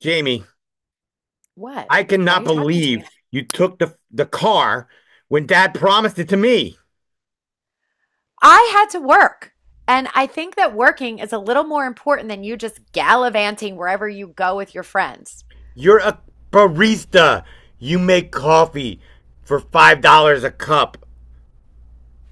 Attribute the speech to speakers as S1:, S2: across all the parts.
S1: Jamie,
S2: What?
S1: I
S2: Why are
S1: cannot
S2: you talking to
S1: believe
S2: me?
S1: you took the car when Dad promised it to me.
S2: I had to work. And I think that working is a little more important than you just gallivanting wherever you go with your friends.
S1: You're a barista. You make coffee for $5 a cup.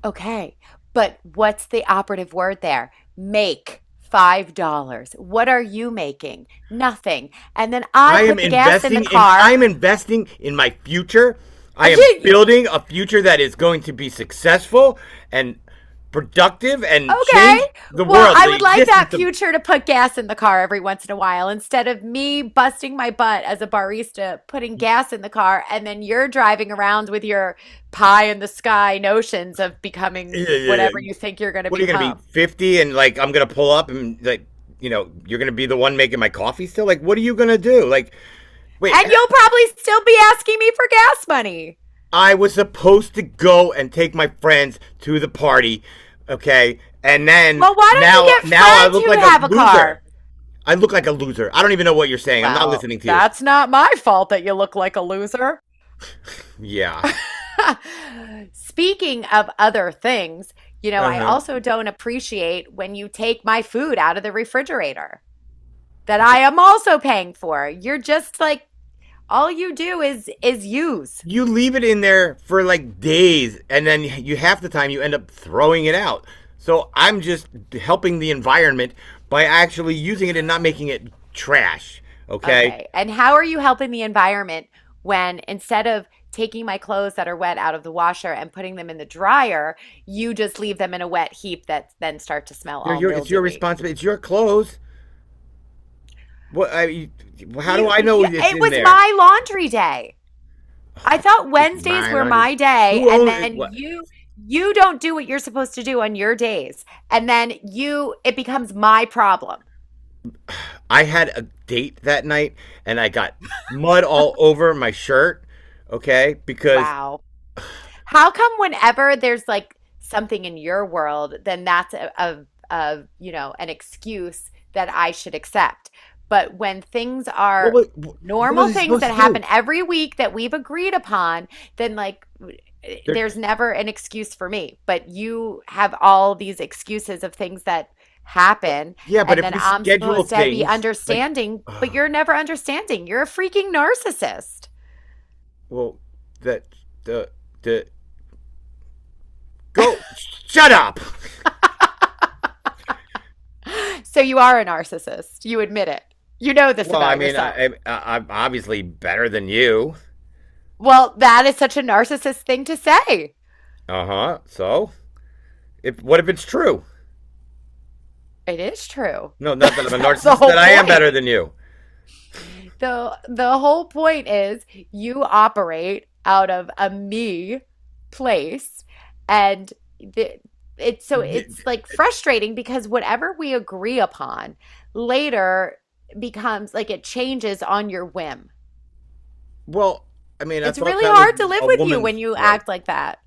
S2: Okay, but what's the operative word there? Make $5. What are you making? Nothing. And then I put the gas in the
S1: I
S2: car.
S1: am investing in my future. I
S2: Are
S1: am
S2: you-
S1: building a future that is going to be successful and productive and
S2: Okay.
S1: change the
S2: Well,
S1: world,
S2: I
S1: the
S2: would like that
S1: existence of.
S2: future to put gas in the car every once in a while instead of me busting my butt as a barista, putting gas in the car, and then you're driving around with your pie in the sky notions of becoming whatever
S1: Uh,
S2: you think you're going to
S1: What are you going to be
S2: become.
S1: 50 and like I'm going to pull up and like you know you're going to be the one making my coffee still? Like what are you going to do? Like wait,
S2: And you'll probably still be asking me for gas money.
S1: I was supposed to go and take my friends to the party, okay? And then
S2: Well, why don't you
S1: now
S2: get
S1: now I
S2: friends
S1: look
S2: who
S1: like a
S2: have a
S1: loser.
S2: car?
S1: I look like a loser. I don't even know what you're saying. I'm not
S2: Well,
S1: listening to you.
S2: that's not my fault that you look like a loser.
S1: Yeah.
S2: Speaking of other things, you know,
S1: Uh
S2: I
S1: huh.
S2: also don't appreciate when you take my food out of the refrigerator that I am also paying for. You're just like all you do is use.
S1: You leave it in there for like days, and then you half the time you end up throwing it out, so I'm just helping the environment by actually using it and not making it trash, okay.
S2: Okay. And how are you helping the environment when instead of taking my clothes that are wet out of the washer and putting them in the dryer, you just leave them in a wet heap that then start to smell all
S1: It's your
S2: mildewy?
S1: responsibility, it's your clothes. what I, you- how do
S2: You,
S1: I know
S2: you
S1: it's
S2: it
S1: in
S2: was
S1: there?
S2: my laundry day. I thought
S1: It's
S2: Wednesdays
S1: my
S2: were
S1: laundry,
S2: my day,
S1: who
S2: and
S1: owns it,
S2: then
S1: what?
S2: you don't do what you're supposed to do on your days, and then you it becomes my problem.
S1: I had a date that night, and I got mud all over my shirt, okay, because
S2: Wow. How come whenever there's like something in your world, then that's a an excuse that I should accept. But when things are
S1: what
S2: normal
S1: was he
S2: things that
S1: supposed to do
S2: happen every week that we've agreed upon, then like
S1: there?
S2: there's never an excuse for me. But you have all these excuses of things that
S1: But,
S2: happen,
S1: yeah, but
S2: and
S1: if
S2: then
S1: we
S2: I'm
S1: schedule
S2: supposed to be
S1: things like,
S2: understanding, but
S1: uh,
S2: you're never understanding. You're a freaking narcissist.
S1: well, that the the go shut up.
S2: So you are a narcissist. You admit it. You know this
S1: Well, I
S2: about
S1: mean,
S2: yourself.
S1: I I'm obviously better than you.
S2: Well, that is such a narcissist thing to say.
S1: Uh huh. So, if what if it's true?
S2: It is true.
S1: No, not that I'm a
S2: That's the
S1: narcissist. That
S2: whole
S1: I am
S2: point.
S1: better than you.
S2: The whole point is you operate out of a me place and the it's so it's like frustrating because whatever we agree upon later becomes like it changes on your whim.
S1: Well, I mean, I
S2: It's
S1: thought
S2: really
S1: that was
S2: hard to live
S1: a
S2: with you when
S1: woman's
S2: you
S1: right.
S2: act like that.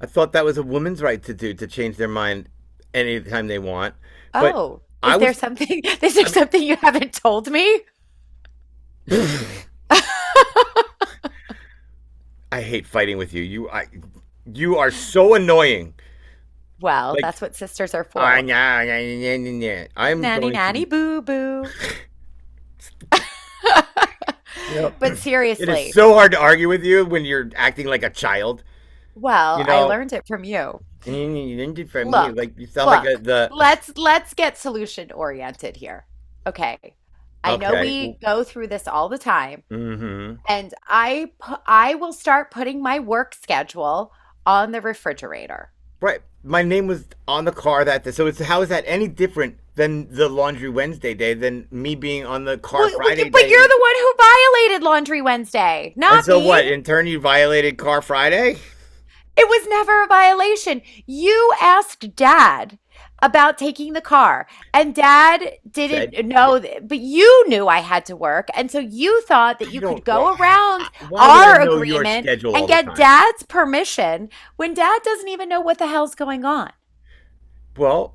S1: I thought that was a woman's right to do to change their mind anytime they want. But
S2: Oh,
S1: I
S2: is there
S1: was,
S2: something is there
S1: I
S2: something you haven't told me?
S1: mean. I hate fighting with you. You I You are so annoying.
S2: Well,
S1: Like
S2: that's what sisters are
S1: ah,
S2: for.
S1: nah, nah, nah, nah, nah. I'm
S2: Nanny,
S1: going
S2: nanny,
S1: to
S2: boo, boo.
S1: you know
S2: But
S1: It is
S2: seriously,
S1: so hard to argue with you when you're acting like a child. You
S2: well, I
S1: know
S2: learned it from you.
S1: from you
S2: Look,
S1: like you sound like
S2: look,
S1: the
S2: let's get solution oriented here. Okay. I know
S1: okay.
S2: we go through this all the time,
S1: Mm-hmm.
S2: and I will start putting my work schedule on the refrigerator.
S1: Right. My name was on the car that day. So it's how is that any different than the laundry Wednesday day than me being on the car
S2: You,
S1: Friday
S2: but
S1: day?
S2: you're
S1: and
S2: the one who violated Laundry Wednesday,
S1: and
S2: not
S1: so
S2: me.
S1: what? In turn you violated car Friday?
S2: It was never a violation. You asked Dad about taking the car, and Dad
S1: Said
S2: didn't
S1: yeah.
S2: know, but you knew I had to work. And so you thought that
S1: I
S2: you could
S1: don't. Well,
S2: go around
S1: why would I
S2: our
S1: know your
S2: agreement
S1: schedule all
S2: and
S1: the
S2: get
S1: time?
S2: Dad's permission when Dad doesn't even know what the hell's going on.
S1: Well,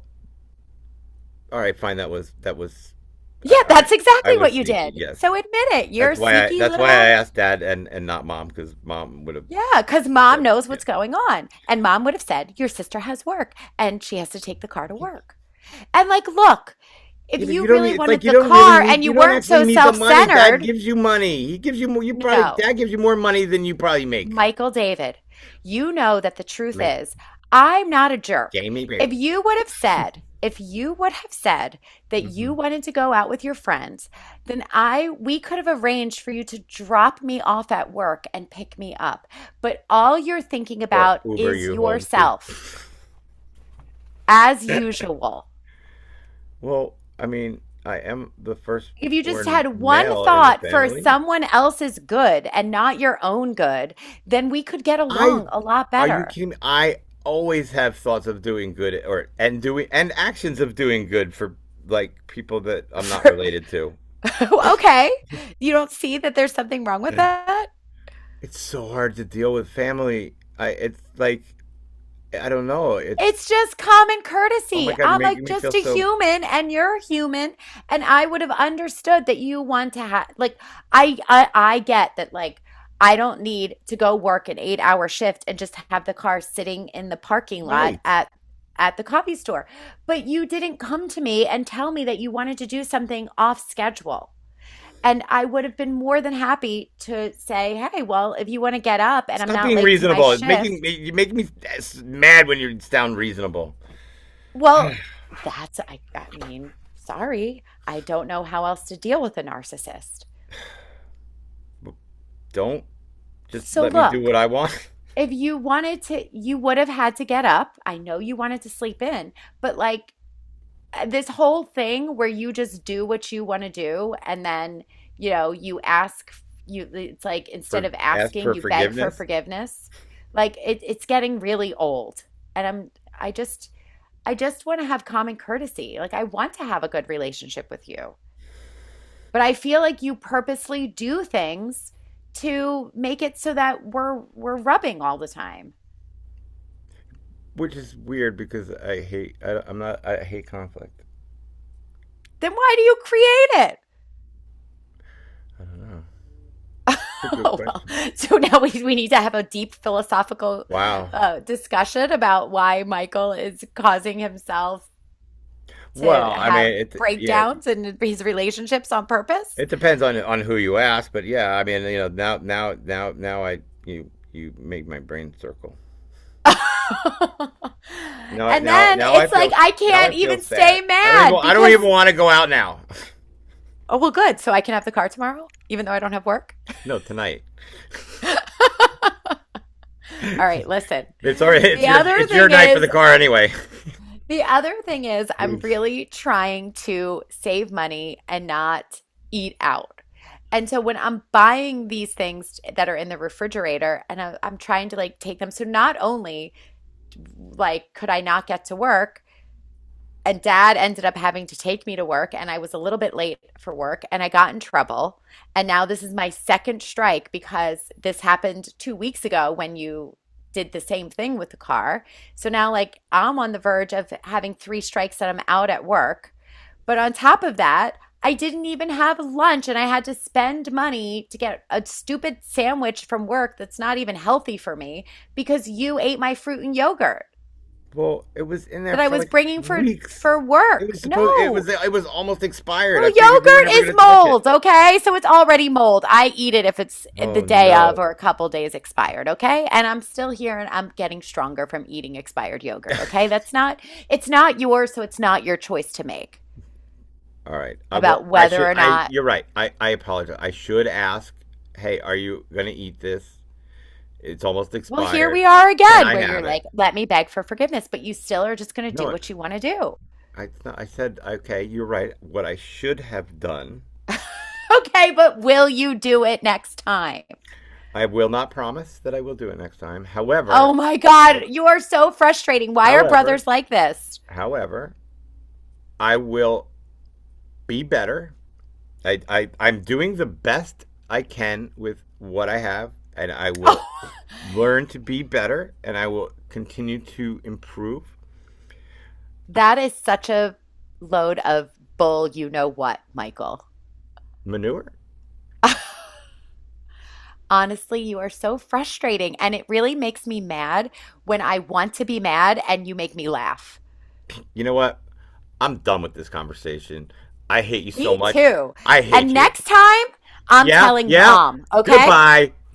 S1: all right, fine. That was that was.
S2: Yeah,
S1: All right,
S2: that's
S1: I
S2: exactly what
S1: was
S2: you
S1: sneaky.
S2: did. So
S1: Yes,
S2: admit it. You're
S1: that's
S2: a
S1: why I.
S2: sneaky
S1: That's why I
S2: little.
S1: asked Dad and not Mom because Mom would have
S2: Yeah, because Mom
S1: said,
S2: knows
S1: yeah.
S2: what's going on. And Mom would have said, your sister has work and she has to take the car to work. And like, look, if
S1: Yeah, but you
S2: you
S1: don't need.
S2: really
S1: It's like
S2: wanted
S1: you
S2: the
S1: don't really
S2: car
S1: need.
S2: and
S1: You
S2: you
S1: don't
S2: weren't
S1: actually
S2: so
S1: need the
S2: self
S1: money. Dad
S2: centered,
S1: gives you money. He gives you more. You probably
S2: no,
S1: Dad gives you more money than you probably make.
S2: Michael David, you know that the truth
S1: Make
S2: is, I'm not a jerk.
S1: Jamie
S2: If
S1: Booth
S2: you would have said, if you would have said that
S1: hmm
S2: you wanted to go out with your friends, then I we could have arranged for you to drop me off at work and pick me up. But all you're thinking
S1: or
S2: about
S1: Uber
S2: is
S1: you home? Because
S2: yourself, as usual.
S1: well, I mean, I am the
S2: If you just
S1: firstborn
S2: had one
S1: male in the
S2: thought for
S1: family.
S2: someone else's good and not your own good, then we could get
S1: I
S2: along a lot
S1: Are you
S2: better.
S1: kidding me? I always have thoughts of doing good or and doing and actions of doing good for like people that I'm not
S2: For,
S1: related to.
S2: okay. You don't see that there's something wrong with that?
S1: It's so hard to deal with family. I It's like I don't know. It's
S2: It's just common
S1: oh my
S2: courtesy.
S1: God, you're
S2: I'm a,
S1: making me feel
S2: just a
S1: so
S2: human and you're human and I would have understood that you want to have like I get that like I don't need to go work an 8-hour shift and just have the car sitting in the parking lot
S1: right.
S2: at the coffee store. But you didn't come to me and tell me that you wanted to do something off schedule. And I would have been more than happy to say, hey, well, if you want to get up and I'm
S1: Stop
S2: not
S1: being
S2: late to my
S1: reasonable. It's making me
S2: shift,
S1: you make me s- mad when you sound reasonable.
S2: well, I mean, sorry, I don't know how else to deal with a narcissist.
S1: Don't just
S2: So
S1: let me do what
S2: look,
S1: I want.
S2: if you wanted to, you would have had to get up. I know you wanted to sleep in, but like, this whole thing where you just do what you want to do and then, you know, you it's like instead
S1: For
S2: of
S1: ask
S2: asking,
S1: for
S2: you beg for
S1: forgiveness,
S2: forgiveness. Like it's getting really old. And I just I just want to have common courtesy. Like I want to have a good relationship with you. But I feel like you purposely do things to make it so that we're rubbing all the time.
S1: which is weird because I'm not, I hate conflict.
S2: Then why do you create it?
S1: I don't know. That's a good
S2: Oh, well,
S1: question.
S2: so now we need to have a deep philosophical
S1: Wow.
S2: discussion about why Michael is causing himself to
S1: Well, I
S2: have
S1: mean, it you know
S2: breakdowns in his relationships on purpose.
S1: it depends on who you ask, but yeah, I mean, you know, now I you you make my brain circle. Now
S2: And
S1: now
S2: then
S1: now I
S2: it's
S1: feel,
S2: like, I
S1: now I
S2: can't
S1: feel
S2: even
S1: sad.
S2: stay mad
S1: I don't even
S2: because,
S1: want to go out now.
S2: oh, well, good. So I can have the car tomorrow, even though I don't have work.
S1: No, tonight.
S2: All right, listen.
S1: It's already
S2: The other
S1: it's your
S2: thing
S1: night for
S2: is,
S1: the car anyway.
S2: The other thing is, I'm really trying to save money and not eat out. And so when I'm buying these things that are in the refrigerator and I'm trying to like take them, so not only like could I not get to work, and Dad ended up having to take me to work and I was a little bit late for work and I got in trouble. And now this is my second strike because this happened 2 weeks ago when you did the same thing with the car. So now like I'm on the verge of having 3 strikes that I'm out at work. But on top of that, I didn't even have lunch and I had to spend money to get a stupid sandwich from work that's not even healthy for me because you ate my fruit and yogurt
S1: Well, it was in there
S2: that I
S1: for
S2: was
S1: like
S2: bringing for
S1: weeks. It
S2: work.
S1: was supposed
S2: No.
S1: it was almost expired.
S2: Well,
S1: I figured you were
S2: yogurt
S1: never
S2: is
S1: gonna touch it.
S2: mold, okay? So it's already mold. I eat it if it's the
S1: Oh
S2: day of
S1: no.
S2: or a couple days expired, okay? And I'm still here and I'm getting stronger from eating expired yogurt, okay? That's not it's not yours, so it's not your choice to make
S1: All right. I will.
S2: about
S1: I
S2: whether
S1: should.
S2: or
S1: I.
S2: not.
S1: You're right. I. I apologize. I should ask. Hey, are you gonna eat this? It's almost
S2: Well, here
S1: expired.
S2: we are
S1: Can
S2: again
S1: I
S2: where
S1: have
S2: you're like,
S1: it?
S2: "Let me beg for forgiveness," but you still are just going to do
S1: No.
S2: what you want to do.
S1: I. it's not- I said. Okay. You're right. What I should have done.
S2: Okay, but will you do it next time?
S1: I will not promise that I will do it next time.
S2: Oh
S1: However.
S2: my God, you are so frustrating. Why are
S1: However.
S2: brothers like this?
S1: However. I will be better. I'm doing the best I can with what I have, and I will
S2: Oh.
S1: learn to be better, and I will continue to improve.
S2: That is such a load of bull, you know what, Michael.
S1: Manure?
S2: Honestly, you are so frustrating. And it really makes me mad when I want to be mad and you make me laugh.
S1: You know what? I'm done with this conversation. I hate you so
S2: Me
S1: much.
S2: too.
S1: I hate
S2: And
S1: you.
S2: next time, I'm
S1: Yeah,
S2: telling
S1: yeah.
S2: Mom, okay?
S1: Goodbye.